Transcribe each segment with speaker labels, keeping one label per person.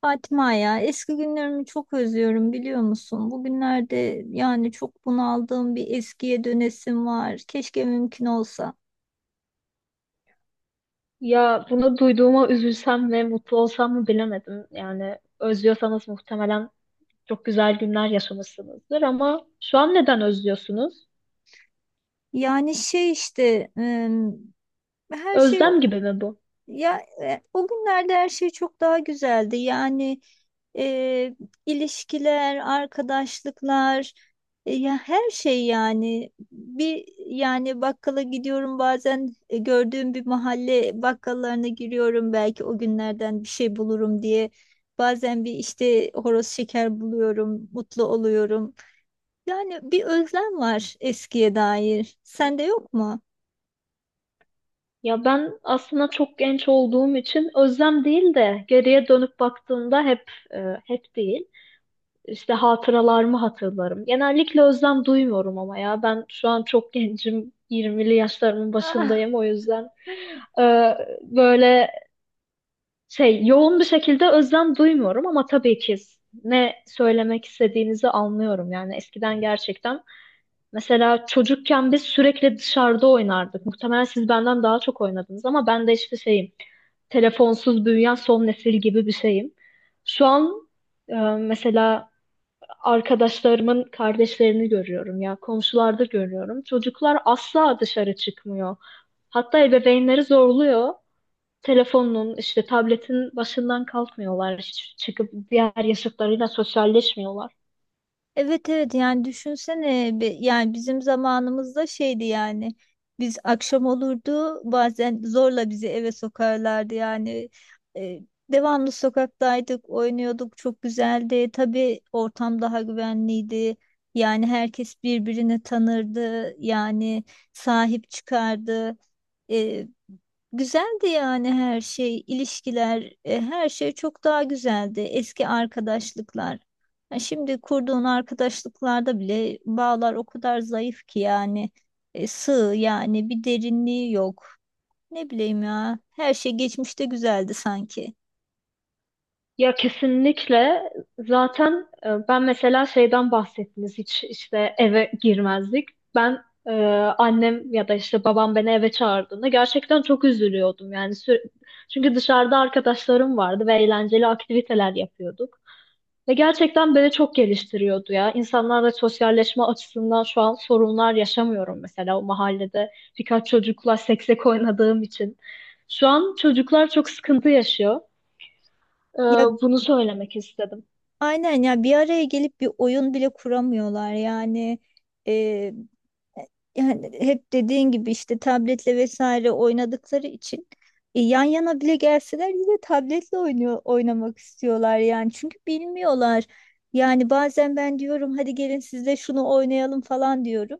Speaker 1: Fatma, ya eski günlerimi çok özlüyorum, biliyor musun? Bugünlerde yani çok bunaldığım, bir eskiye dönesim var. Keşke mümkün olsa.
Speaker 2: Ya bunu duyduğuma üzülsem ve mutlu olsam mı bilemedim. Yani özlüyorsanız muhtemelen çok güzel günler yaşamışsınızdır ama şu an neden özlüyorsunuz?
Speaker 1: Yani şey işte her şey.
Speaker 2: Özlem gibi mi bu?
Speaker 1: Ya o günlerde her şey çok daha güzeldi. Yani e, ilişkiler, arkadaşlıklar, ya her şey yani bir yani bakkala gidiyorum, bazen gördüğüm bir mahalle bakkallarına giriyorum, belki o günlerden bir şey bulurum diye. Bazen bir işte horoz şeker buluyorum, mutlu oluyorum. Yani bir özlem var eskiye dair. Sende yok mu?
Speaker 2: Ya ben aslında çok genç olduğum için özlem değil de geriye dönüp baktığımda hep hep değil. İşte hatıralarımı hatırlarım. Genellikle özlem duymuyorum ama ya ben şu an çok gencim. 20'li yaşlarımın başındayım o yüzden. e, böyle yoğun bir şekilde özlem duymuyorum ama tabii ki ne söylemek istediğinizi anlıyorum. Yani eskiden gerçekten mesela çocukken biz sürekli dışarıda oynardık. Muhtemelen siz benden daha çok oynadınız ama ben de işte telefonsuz büyüyen son nesil gibi bir şeyim. Şu an e, mesela arkadaşlarımın kardeşlerini görüyorum ya komşularda görüyorum. Çocuklar asla dışarı çıkmıyor. Hatta ebeveynleri zorluyor, telefonun işte tabletin başından kalkmıyorlar. Hiç çıkıp diğer yaşıtlarıyla sosyalleşmiyorlar.
Speaker 1: Evet, evet, yani düşünsene yani bizim zamanımızda şeydi yani biz akşam olurdu, bazen zorla bizi eve sokarlardı yani. E, Devamlı sokaktaydık, oynuyorduk, çok güzeldi, tabii ortam daha güvenliydi, yani herkes birbirini tanırdı yani, sahip çıkardı. E, Güzeldi yani her şey, ilişkiler, her şey çok daha güzeldi. Eski arkadaşlıklar. Ha, şimdi kurduğun arkadaşlıklarda bile bağlar o kadar zayıf ki yani sığ yani, bir derinliği yok. Ne bileyim ya, her şey geçmişte güzeldi sanki.
Speaker 2: Ya kesinlikle, zaten ben mesela şeyden bahsettiniz, hiç işte eve girmezdik. Ben annem ya da işte babam beni eve çağırdığında gerçekten çok üzülüyordum, yani çünkü dışarıda arkadaşlarım vardı ve eğlenceli aktiviteler yapıyorduk. Ve gerçekten beni çok geliştiriyordu ya. İnsanlarla sosyalleşme açısından şu an sorunlar yaşamıyorum mesela o mahallede. Birkaç çocukla seksek oynadığım için. Şu an çocuklar çok sıkıntı yaşıyor. Ee,
Speaker 1: Ya,
Speaker 2: Bunu söylemek istedim.
Speaker 1: aynen ya, bir araya gelip bir oyun bile kuramıyorlar yani, e, yani hep dediğin gibi işte tabletle vesaire oynadıkları için yan yana bile gelseler yine tabletle oynuyor, oynamak istiyorlar yani, çünkü bilmiyorlar. Yani bazen ben diyorum hadi gelin siz de şunu oynayalım falan diyorum.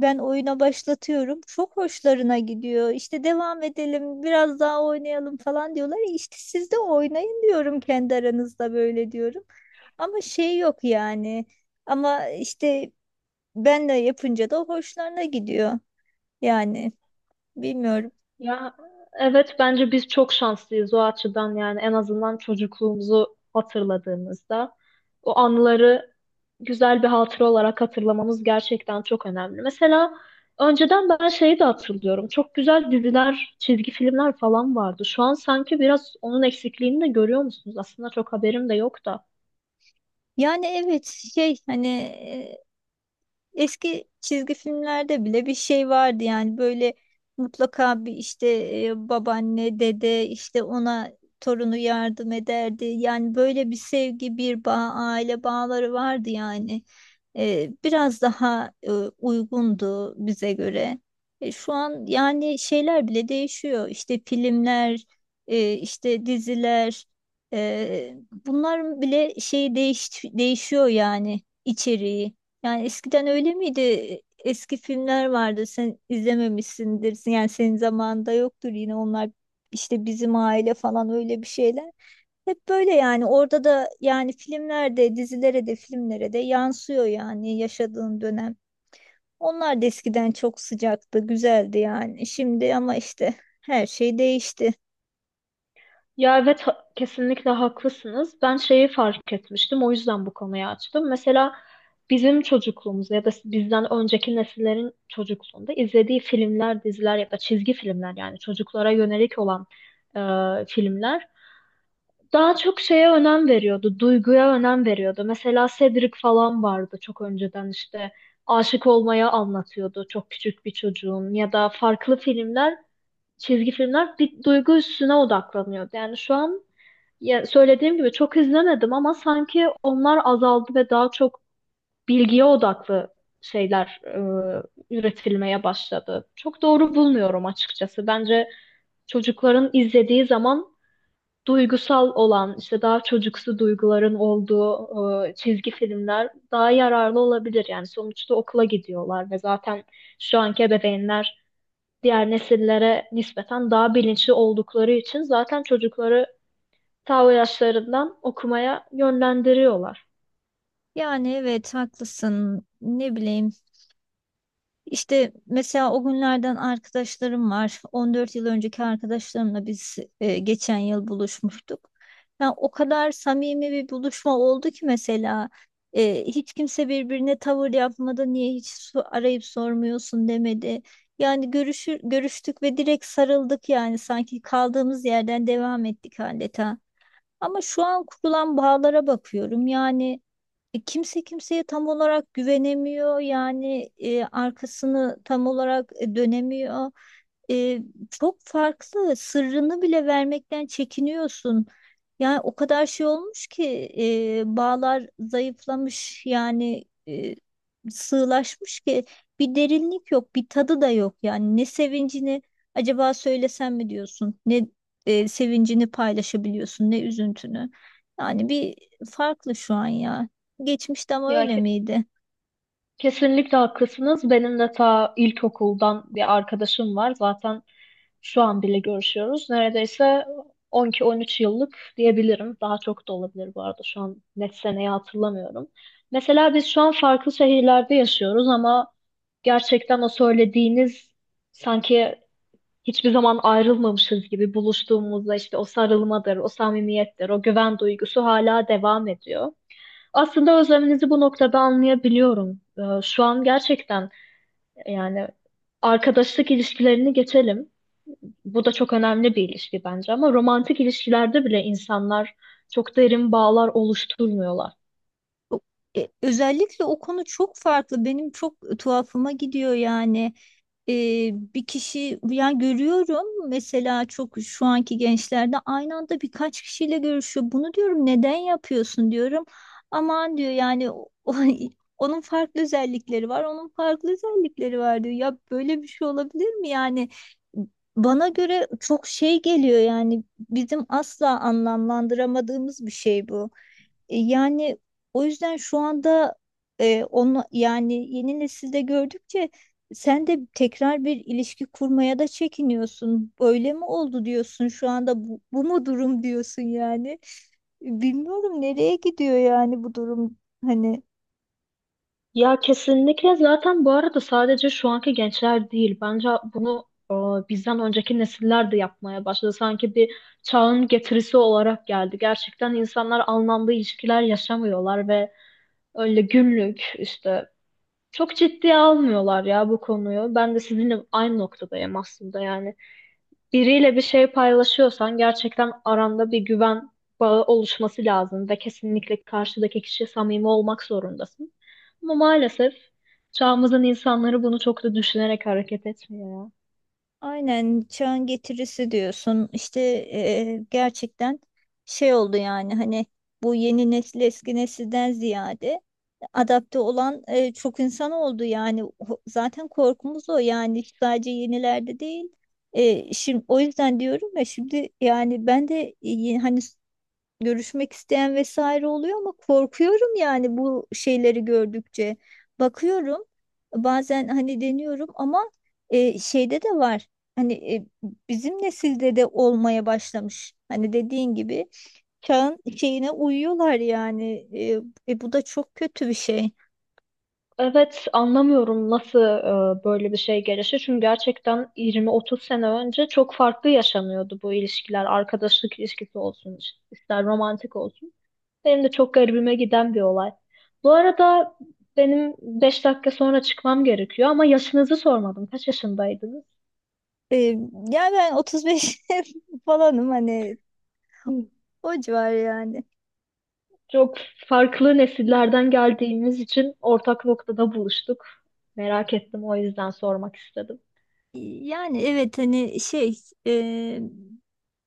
Speaker 1: Ben oyuna başlatıyorum. Çok hoşlarına gidiyor. İşte devam edelim, biraz daha oynayalım falan diyorlar. İşte siz de oynayın diyorum, kendi aranızda böyle diyorum. Ama şey yok yani. Ama işte ben de yapınca da hoşlarına gidiyor. Yani bilmiyorum.
Speaker 2: Ya evet, bence biz çok şanslıyız o açıdan, yani en azından çocukluğumuzu hatırladığımızda o anıları güzel bir hatıra olarak hatırlamamız gerçekten çok önemli. Mesela önceden ben şeyi de hatırlıyorum. Çok güzel diziler, çizgi filmler falan vardı. Şu an sanki biraz onun eksikliğini de görüyor musunuz? Aslında çok haberim de yok da.
Speaker 1: Yani evet, şey hani eski çizgi filmlerde bile bir şey vardı yani, böyle mutlaka bir işte babaanne, dede işte ona torunu yardım ederdi. Yani böyle bir sevgi, bir bağ, aile bağları vardı yani. Biraz daha uygundu bize göre. Şu an yani şeyler bile değişiyor. İşte filmler, işte diziler, e, bunların bile şeyi değişiyor yani, içeriği. Yani eskiden öyle miydi? Eski filmler vardı. Sen izlememişsindir. Yani senin zamanında yoktur, yine onlar işte bizim aile falan öyle bir şeyler. Hep böyle yani orada da yani filmlerde, dizilere de, filmlere de yansıyor yani yaşadığın dönem. Onlar da eskiden çok sıcaktı, güzeldi yani. Şimdi ama işte her şey değişti.
Speaker 2: Ya evet, kesinlikle haklısınız. Ben şeyi fark etmiştim. O yüzden bu konuyu açtım. Mesela bizim çocukluğumuzda ya da bizden önceki nesillerin çocukluğunda izlediği filmler, diziler ya da çizgi filmler, yani çocuklara yönelik olan filmler daha çok şeye önem veriyordu. Duyguya önem veriyordu. Mesela Cedric falan vardı çok önceden, işte aşık olmaya anlatıyordu çok küçük bir çocuğun, ya da farklı filmler, çizgi filmler bir duygu üstüne odaklanıyordu. Yani şu an, ya söylediğim gibi çok izlemedim ama sanki onlar azaldı ve daha çok bilgiye odaklı şeyler üretilmeye başladı. Çok doğru bulmuyorum açıkçası. Bence çocukların izlediği zaman duygusal olan, işte daha çocuksu duyguların olduğu çizgi filmler daha yararlı olabilir. Yani sonuçta okula gidiyorlar ve zaten şu anki ebeveynler diğer nesillere nispeten daha bilinçli oldukları için zaten çocukları ta o yaşlarından okumaya yönlendiriyorlar.
Speaker 1: Yani evet, haklısın. Ne bileyim, İşte mesela o günlerden arkadaşlarım var. 14 yıl önceki arkadaşlarımla biz geçen yıl buluşmuştuk. Yani o kadar samimi bir buluşma oldu ki, mesela hiç kimse birbirine tavır yapmadı. Niye hiç arayıp sormuyorsun demedi. Yani görüştük ve direkt sarıldık yani, sanki kaldığımız yerden devam ettik adeta. Ama şu an kurulan bağlara bakıyorum. Yani kimse kimseye tam olarak güvenemiyor yani, arkasını tam olarak dönemiyor. E, Çok farklı, sırrını bile vermekten çekiniyorsun. Yani o kadar şey olmuş ki bağlar zayıflamış yani, sığlaşmış ki bir derinlik yok, bir tadı da yok yani, ne sevincini acaba söylesem mi diyorsun, ne sevincini paylaşabiliyorsun, ne üzüntünü. Yani bir farklı şu an ya. Geçmişte ama
Speaker 2: Ya
Speaker 1: öyle miydi?
Speaker 2: kesinlikle haklısınız. Benim de ta ilkokuldan bir arkadaşım var. Zaten şu an bile görüşüyoruz. Neredeyse 12-13 yıllık diyebilirim. Daha çok da olabilir bu arada. Şu an net seneyi hatırlamıyorum. Mesela biz şu an farklı şehirlerde yaşıyoruz ama gerçekten o söylediğiniz, sanki hiçbir zaman ayrılmamışız gibi, buluştuğumuzda işte o sarılmadır, o samimiyettir, o güven duygusu hala devam ediyor. Aslında özleminizi bu noktada anlayabiliyorum. Şu an gerçekten, yani arkadaşlık ilişkilerini geçelim. Bu da çok önemli bir ilişki bence, ama romantik ilişkilerde bile insanlar çok derin bağlar oluşturmuyorlar.
Speaker 1: O- Özellikle o konu çok farklı. Benim çok tuhafıma gidiyor yani. e, Bir kişi yani görüyorum mesela, çok şu anki gençlerde aynı anda birkaç kişiyle görüşüyor. Bunu diyorum, neden yapıyorsun diyorum. Aman diyor yani, onun farklı özellikleri var, onun farklı özellikleri var diyor. Ya böyle bir şey olabilir mi yani? Bana göre çok şey geliyor yani, bizim asla anlamlandıramadığımız bir şey bu. Yani o yüzden şu anda onu yani yeni nesilde gördükçe sen de tekrar bir ilişki kurmaya da çekiniyorsun. Öyle mi oldu diyorsun şu anda, bu, bu mu durum diyorsun yani. Bilmiyorum nereye gidiyor yani bu durum, hani.
Speaker 2: Ya kesinlikle, zaten bu arada sadece şu anki gençler değil. Bence bunu e, bizden önceki nesiller de yapmaya başladı. Sanki bir çağın getirisi olarak geldi. Gerçekten insanlar anlamlı ilişkiler yaşamıyorlar ve öyle günlük, işte çok ciddiye almıyorlar ya bu konuyu. Ben de sizinle aynı noktadayım aslında, yani biriyle bir şey paylaşıyorsan gerçekten aranda bir güven bağı oluşması lazım ve kesinlikle karşıdaki kişi samimi olmak zorundasın. Ama maalesef çağımızın insanları bunu çok da düşünerek hareket etmiyor ya.
Speaker 1: Aynen, çağın getirisi diyorsun. İşte gerçekten şey oldu yani, hani bu yeni nesil eski nesilden ziyade adapte olan çok insan oldu yani. Zaten korkumuz o yani, sadece yenilerde değil. Şimdi o yüzden diyorum ya, şimdi yani ben de hani görüşmek isteyen vesaire oluyor ama korkuyorum yani bu şeyleri gördükçe. Bakıyorum, bazen hani deniyorum ama şeyde de var. Hani bizim nesilde de olmaya başlamış. Hani dediğin gibi çağın şeyine uyuyorlar yani. Bu da çok kötü bir şey.
Speaker 2: Evet, anlamıyorum nasıl böyle bir şey gelişti. Çünkü gerçekten 20-30 sene önce çok farklı yaşanıyordu bu ilişkiler. Arkadaşlık ilişkisi olsun, ister romantik olsun. Benim de çok garibime giden bir olay. Bu arada benim 5 dakika sonra çıkmam gerekiyor ama yaşınızı sormadım. Kaç yaşındaydınız?
Speaker 1: E, Yani ben 35 falanım hani,
Speaker 2: Hı.
Speaker 1: o civar yani.
Speaker 2: Çok farklı nesillerden geldiğimiz için ortak noktada buluştuk. Merak ettim, o yüzden sormak istedim.
Speaker 1: Yani evet, hani şey e,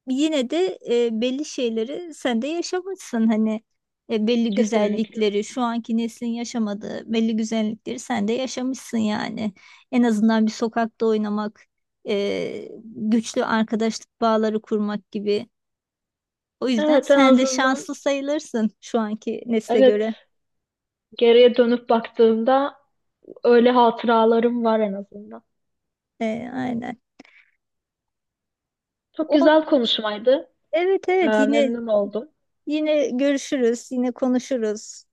Speaker 1: yine de belli şeyleri sen de yaşamışsın, hani belli
Speaker 2: Kesinlikle.
Speaker 1: güzellikleri şu anki neslin yaşamadığı belli güzellikleri sen de yaşamışsın yani, en azından bir sokakta oynamak, güçlü arkadaşlık bağları kurmak gibi, o yüzden
Speaker 2: Evet, en
Speaker 1: sen de
Speaker 2: azından,
Speaker 1: şanslı sayılırsın şu anki nesle
Speaker 2: evet,
Speaker 1: göre.
Speaker 2: geriye dönüp baktığımda öyle hatıralarım var en azından.
Speaker 1: E, aynen.
Speaker 2: Çok
Speaker 1: O,
Speaker 2: güzel konuşmaydı.
Speaker 1: evet, evet, yine,
Speaker 2: Memnun oldum.
Speaker 1: yine görüşürüz, yine konuşuruz,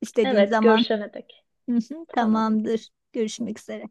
Speaker 1: istediğin
Speaker 2: Evet,
Speaker 1: zaman.
Speaker 2: görüşene dek.
Speaker 1: Hı hı,
Speaker 2: Tamam.
Speaker 1: tamamdır, görüşmek üzere.